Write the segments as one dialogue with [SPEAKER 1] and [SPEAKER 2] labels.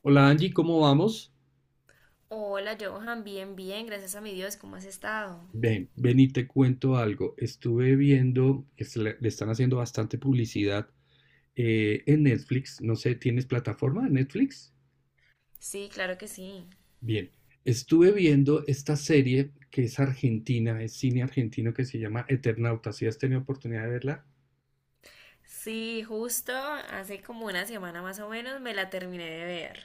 [SPEAKER 1] Hola, Angie, ¿cómo vamos?
[SPEAKER 2] Hola, Johan, bien, bien, gracias a mi Dios, ¿cómo has estado?
[SPEAKER 1] Ven, ven y te cuento algo. Estuve viendo que le están haciendo bastante publicidad en Netflix. No sé, ¿tienes plataforma de Netflix?
[SPEAKER 2] Sí, claro que sí.
[SPEAKER 1] Bien, estuve viendo esta serie que es argentina, es cine argentino que se llama Eternauta. ¿Si has tenido oportunidad de verla?
[SPEAKER 2] Sí, justo hace como una semana más o menos me la terminé de ver.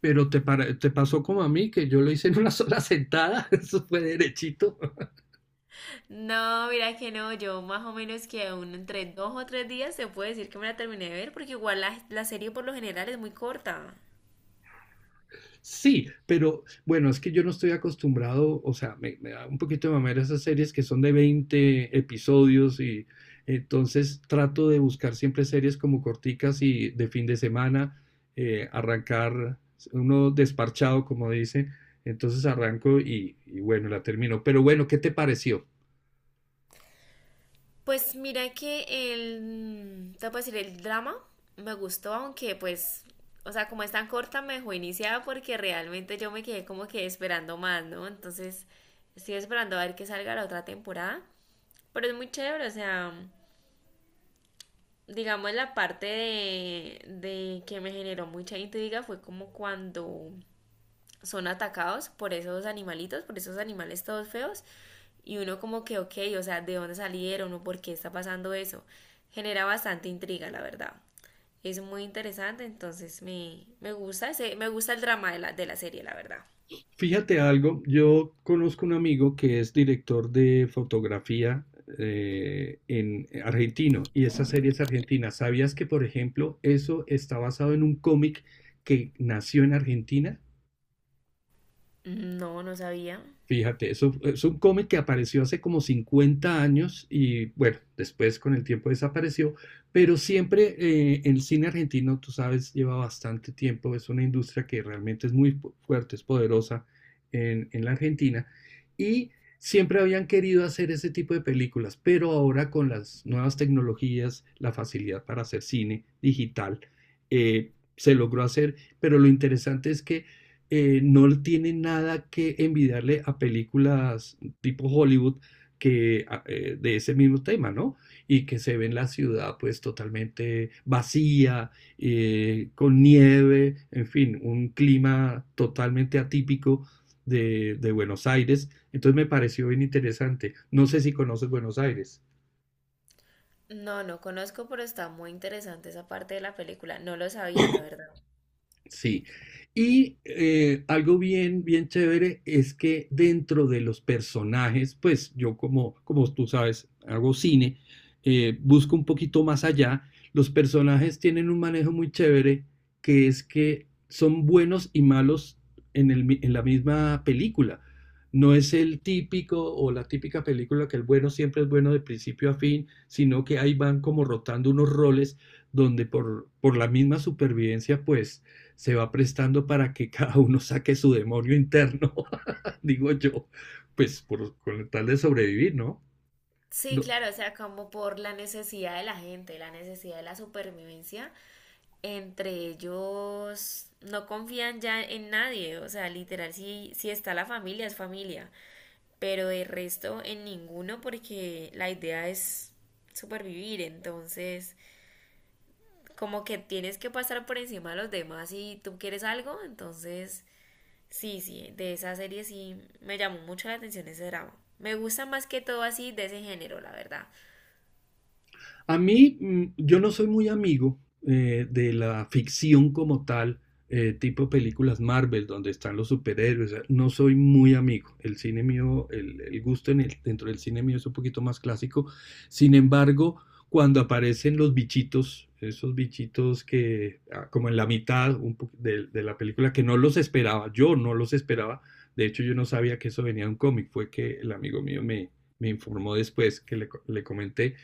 [SPEAKER 1] Te pasó como a mí, que yo lo hice en una sola sentada. Eso fue derechito.
[SPEAKER 2] No, mira que no, yo más o menos que aún entre dos o tres días se puede decir que me la terminé de ver porque igual la serie por lo general es muy corta.
[SPEAKER 1] Sí, pero bueno, es que yo no estoy acostumbrado, o sea, me da un poquito de mamera esas series que son de 20 episodios y entonces trato de buscar siempre series como corticas y de fin de semana, arrancar uno desparchado, como dice, entonces arranco y bueno, la termino. Pero bueno, ¿qué te pareció?
[SPEAKER 2] Pues mira que el, te puedo decir, el drama me gustó, aunque pues, o sea, como es tan corta, me dejó iniciada porque realmente yo me quedé como que esperando más, ¿no? Entonces, estoy esperando a ver que salga la otra temporada. Pero es muy chévere, o sea, digamos la parte de que me generó mucha intriga fue como cuando son atacados por esos animalitos, por esos animales todos feos, y uno como que, ok, o sea, ¿de dónde salieron o por qué está pasando eso? Genera bastante intriga, la verdad. Es muy interesante, entonces me gusta me gusta el drama de la serie, la verdad.
[SPEAKER 1] Fíjate algo, yo conozco un amigo que es director de fotografía, en argentino, y esa serie es argentina. ¿Sabías que, por ejemplo, eso está basado en un cómic que nació en Argentina?
[SPEAKER 2] No, no sabía.
[SPEAKER 1] Fíjate, es es un cómic que apareció hace como 50 años y bueno, después con el tiempo desapareció, pero siempre, el cine argentino, tú sabes, lleva bastante tiempo, es una industria que realmente es muy fuerte, es poderosa en la Argentina, y siempre habían querido hacer ese tipo de películas, pero ahora con las nuevas tecnologías, la facilidad para hacer cine digital, se logró hacer, pero lo interesante es que, no tiene nada que envidiarle a películas tipo Hollywood que de ese mismo tema, ¿no? Y que se ve en la ciudad pues totalmente vacía, con nieve, en fin, un clima totalmente atípico de Buenos Aires. Entonces me pareció bien interesante. No sé si conoces Buenos Aires.
[SPEAKER 2] No, no conozco, pero está muy interesante esa parte de la película. No lo sabía, la verdad.
[SPEAKER 1] Sí. Y, algo bien, bien chévere es que dentro de los personajes, pues yo, como como tú sabes, hago cine, busco un poquito más allá. Los personajes tienen un manejo muy chévere, que es que son buenos y malos en en la misma película. No es el típico o la típica película que el bueno siempre es bueno de principio a fin, sino que ahí van como rotando unos roles donde por la misma supervivencia, pues se va prestando para que cada uno saque su demonio interno, digo yo, pues con tal de sobrevivir, ¿no?
[SPEAKER 2] Sí,
[SPEAKER 1] ¿No?
[SPEAKER 2] claro, o sea, como por la necesidad de la gente, la necesidad de la supervivencia, entre ellos no confían ya en nadie, o sea, literal, si está la familia, es familia, pero de resto en ninguno porque la idea es supervivir, entonces como que tienes que pasar por encima de los demás si tú quieres algo, entonces sí, sí, de esa serie sí me llamó mucho la atención ese drama. Me gusta más que todo así de ese género, la verdad.
[SPEAKER 1] A mí, yo no soy muy amigo, de la ficción como tal, tipo películas Marvel, donde están los superhéroes. No soy muy amigo. El cine mío, el gusto dentro del cine mío es un poquito más clásico. Sin embargo, cuando aparecen los bichitos, esos bichitos que, ah, como en la mitad de la película, que no los esperaba, yo no los esperaba. De hecho, yo no sabía que eso venía de un cómic. Fue que el amigo mío me informó después que le comenté.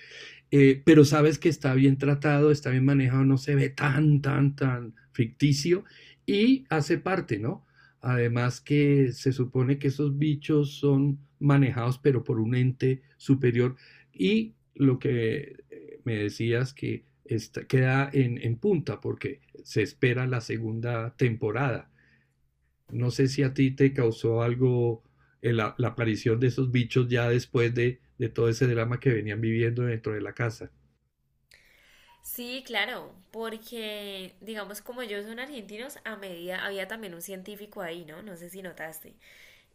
[SPEAKER 1] Pero sabes que está bien tratado, está bien manejado, no se ve tan ficticio, y hace parte, ¿no? Además que se supone que esos bichos son manejados pero por un ente superior, y lo que, me decías que queda en punta porque se espera la segunda temporada. No sé si a ti te causó algo, la aparición de esos bichos ya después de todo ese drama que venían viviendo dentro de la casa.
[SPEAKER 2] Sí, claro, porque digamos como ellos son argentinos, a medida había también un científico ahí, ¿no? No sé si notaste.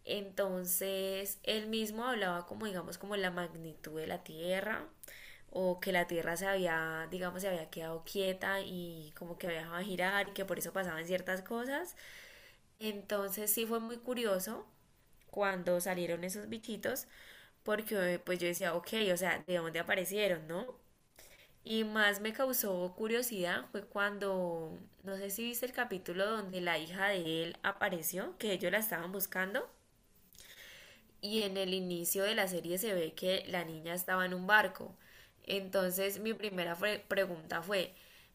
[SPEAKER 2] Entonces, él mismo hablaba como, digamos, como la magnitud de la Tierra, o que la Tierra se había, digamos, se había quedado quieta y como que había dejado de girar y que por eso pasaban ciertas cosas. Entonces, sí fue muy curioso cuando salieron esos bichitos, porque pues yo decía, ok, o sea, ¿de dónde aparecieron, no? Y más me causó curiosidad fue cuando, no sé si viste el capítulo donde la hija de él apareció, que ellos la estaban buscando, y en el inicio de la serie se ve que la niña estaba en un barco. Entonces mi pregunta fue,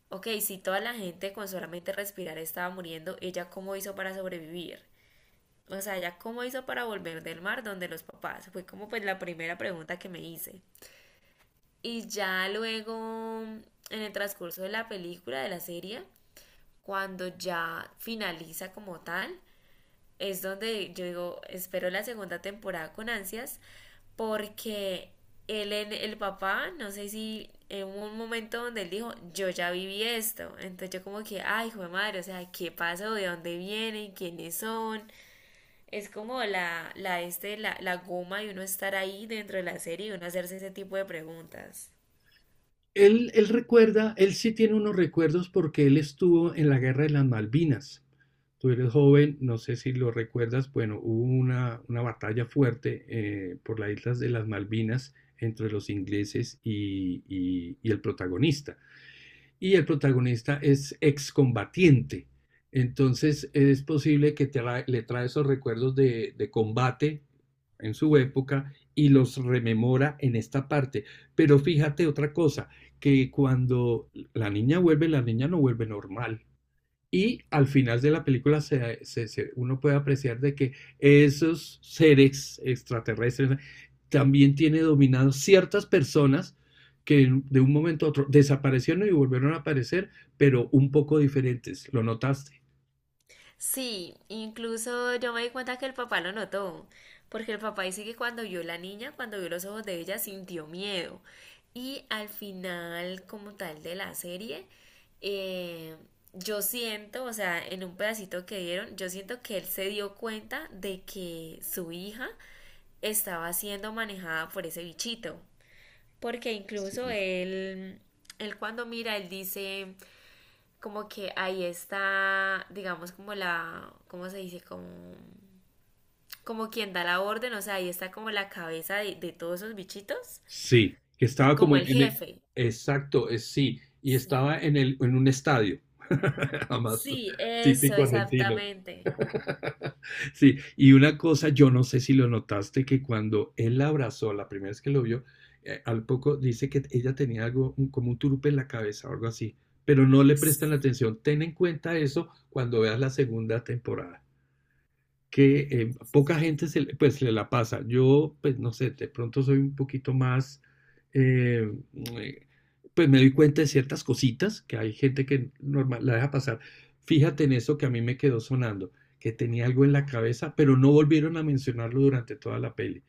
[SPEAKER 2] ok, si toda la gente con solamente respirar estaba muriendo, ¿ella cómo hizo para sobrevivir? O sea, ¿ella cómo hizo para volver del mar donde los papás? Fue como pues la primera pregunta que me hice. Y ya luego, en el transcurso de la película, de la serie, cuando ya finaliza como tal, es donde yo digo, espero la segunda temporada con ansias, porque el papá, no sé si en un momento donde él dijo, yo ya viví esto, entonces yo como que, ay, hijo de madre, o sea, ¿qué pasó? ¿De dónde vienen? ¿Quiénes son? Es como la goma de uno estar ahí dentro de la serie y uno hacerse ese tipo de preguntas.
[SPEAKER 1] Él recuerda, él sí tiene unos recuerdos porque él estuvo en la guerra de las Malvinas. Tú eres joven, no sé si lo recuerdas. Bueno, hubo una batalla fuerte, por las islas de las Malvinas entre los ingleses y el protagonista, y el protagonista es excombatiente. Entonces es posible que te tra le trae esos recuerdos de combate en su época, y los rememora en esta parte. Pero fíjate otra cosa, que cuando la niña vuelve, la niña no vuelve normal. Y al final de la película uno puede apreciar de que esos seres extraterrestres también tiene dominados ciertas personas que de un momento a otro desaparecieron y volvieron a aparecer, pero un poco diferentes. ¿Lo notaste?
[SPEAKER 2] Sí, incluso yo me di cuenta que el papá lo notó, porque el papá dice que cuando vio la niña, cuando vio los ojos de ella, sintió miedo. Y al final, como tal de la serie, eh, yo siento, o sea, en un pedacito que dieron, yo siento que él se dio cuenta de que su hija estaba siendo manejada por ese bichito. Porque incluso él, él cuando mira, él dice, como que ahí está, digamos, como la, ¿cómo se dice? Como, como quien da la orden, o sea, ahí está como la cabeza de todos esos bichitos,
[SPEAKER 1] Sí, que estaba
[SPEAKER 2] como
[SPEAKER 1] como
[SPEAKER 2] el jefe.
[SPEAKER 1] exacto, es sí, y
[SPEAKER 2] Sí,
[SPEAKER 1] estaba en un estadio. Jamás,
[SPEAKER 2] sí, eso,
[SPEAKER 1] típico argentino.
[SPEAKER 2] exactamente.
[SPEAKER 1] Sí, y una cosa, yo no sé si lo notaste, que cuando él la abrazó, la primera vez que lo vio, al poco dice que ella tenía algo, como un turupe en la cabeza o algo así, pero no le prestan
[SPEAKER 2] Sí,
[SPEAKER 1] atención. Ten en cuenta eso cuando veas la segunda temporada, que, poca gente se le la pasa. Yo, pues no sé, de pronto soy un poquito más, eh, eh, pues me doy cuenta de ciertas cositas que hay gente que normal, la deja pasar. Fíjate en eso, que a mí me quedó sonando, que tenía algo en la cabeza, pero no volvieron a mencionarlo durante toda la peli.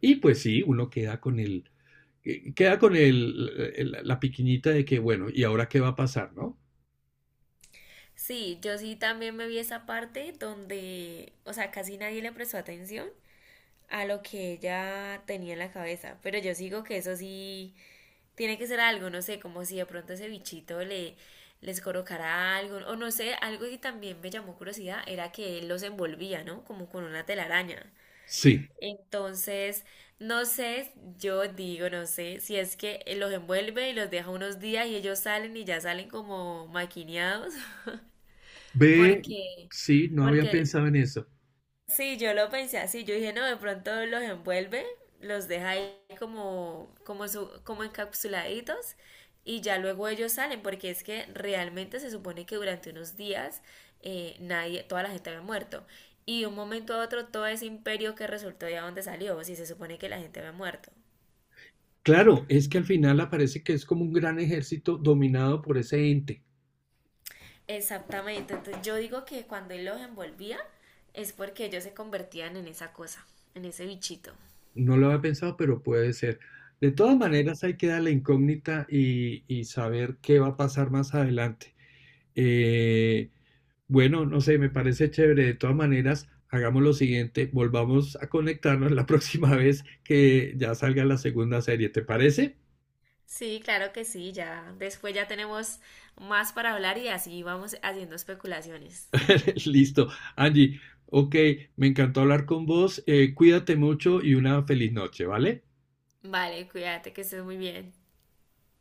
[SPEAKER 1] Y pues sí, uno queda con el, queda con la piquiñita de que, bueno, ¿y ahora qué va a pasar, no?
[SPEAKER 2] sí, yo sí también me vi esa parte donde, o sea, casi nadie le prestó atención a lo que ella tenía en la cabeza, pero yo sigo que eso sí, tiene que ser algo, no sé, como si de pronto ese bichito le, les colocara algo, o no sé, algo que también me llamó curiosidad era que él los envolvía, ¿no? Como con una telaraña.
[SPEAKER 1] Sí,
[SPEAKER 2] Entonces, no sé, yo digo, no sé, si es que él los envuelve y los deja unos días y ellos salen y ya salen como maquineados,
[SPEAKER 1] ve,
[SPEAKER 2] porque,
[SPEAKER 1] sí, no había
[SPEAKER 2] porque
[SPEAKER 1] pensado en eso.
[SPEAKER 2] sí, yo lo pensé así, yo dije, no, de pronto los envuelve, los deja ahí como, como, como encapsuladitos y ya luego ellos salen, porque es que realmente se supone que durante unos días nadie, toda la gente había muerto. Y de un momento a otro todo ese imperio que resultó de donde salió, si se supone que la gente había muerto.
[SPEAKER 1] Claro, es que al final aparece que es como un gran ejército dominado por ese ente.
[SPEAKER 2] Exactamente, entonces yo digo que cuando él los envolvía es porque ellos se convertían en esa cosa, en ese bichito.
[SPEAKER 1] No lo había pensado, pero puede ser. De todas maneras, hay que dar la incógnita y saber qué va a pasar más adelante. Eh, bueno, no sé, me parece chévere. De todas maneras, hagamos lo siguiente, volvamos a conectarnos la próxima vez que ya salga la segunda serie, ¿te parece?
[SPEAKER 2] Sí, claro que sí, ya. Después ya tenemos más para hablar y así vamos haciendo especulaciones.
[SPEAKER 1] Listo. Angie, ok, me encantó hablar con vos. Cuídate mucho y una feliz noche, ¿vale?
[SPEAKER 2] Vale, cuídate, que estés muy bien.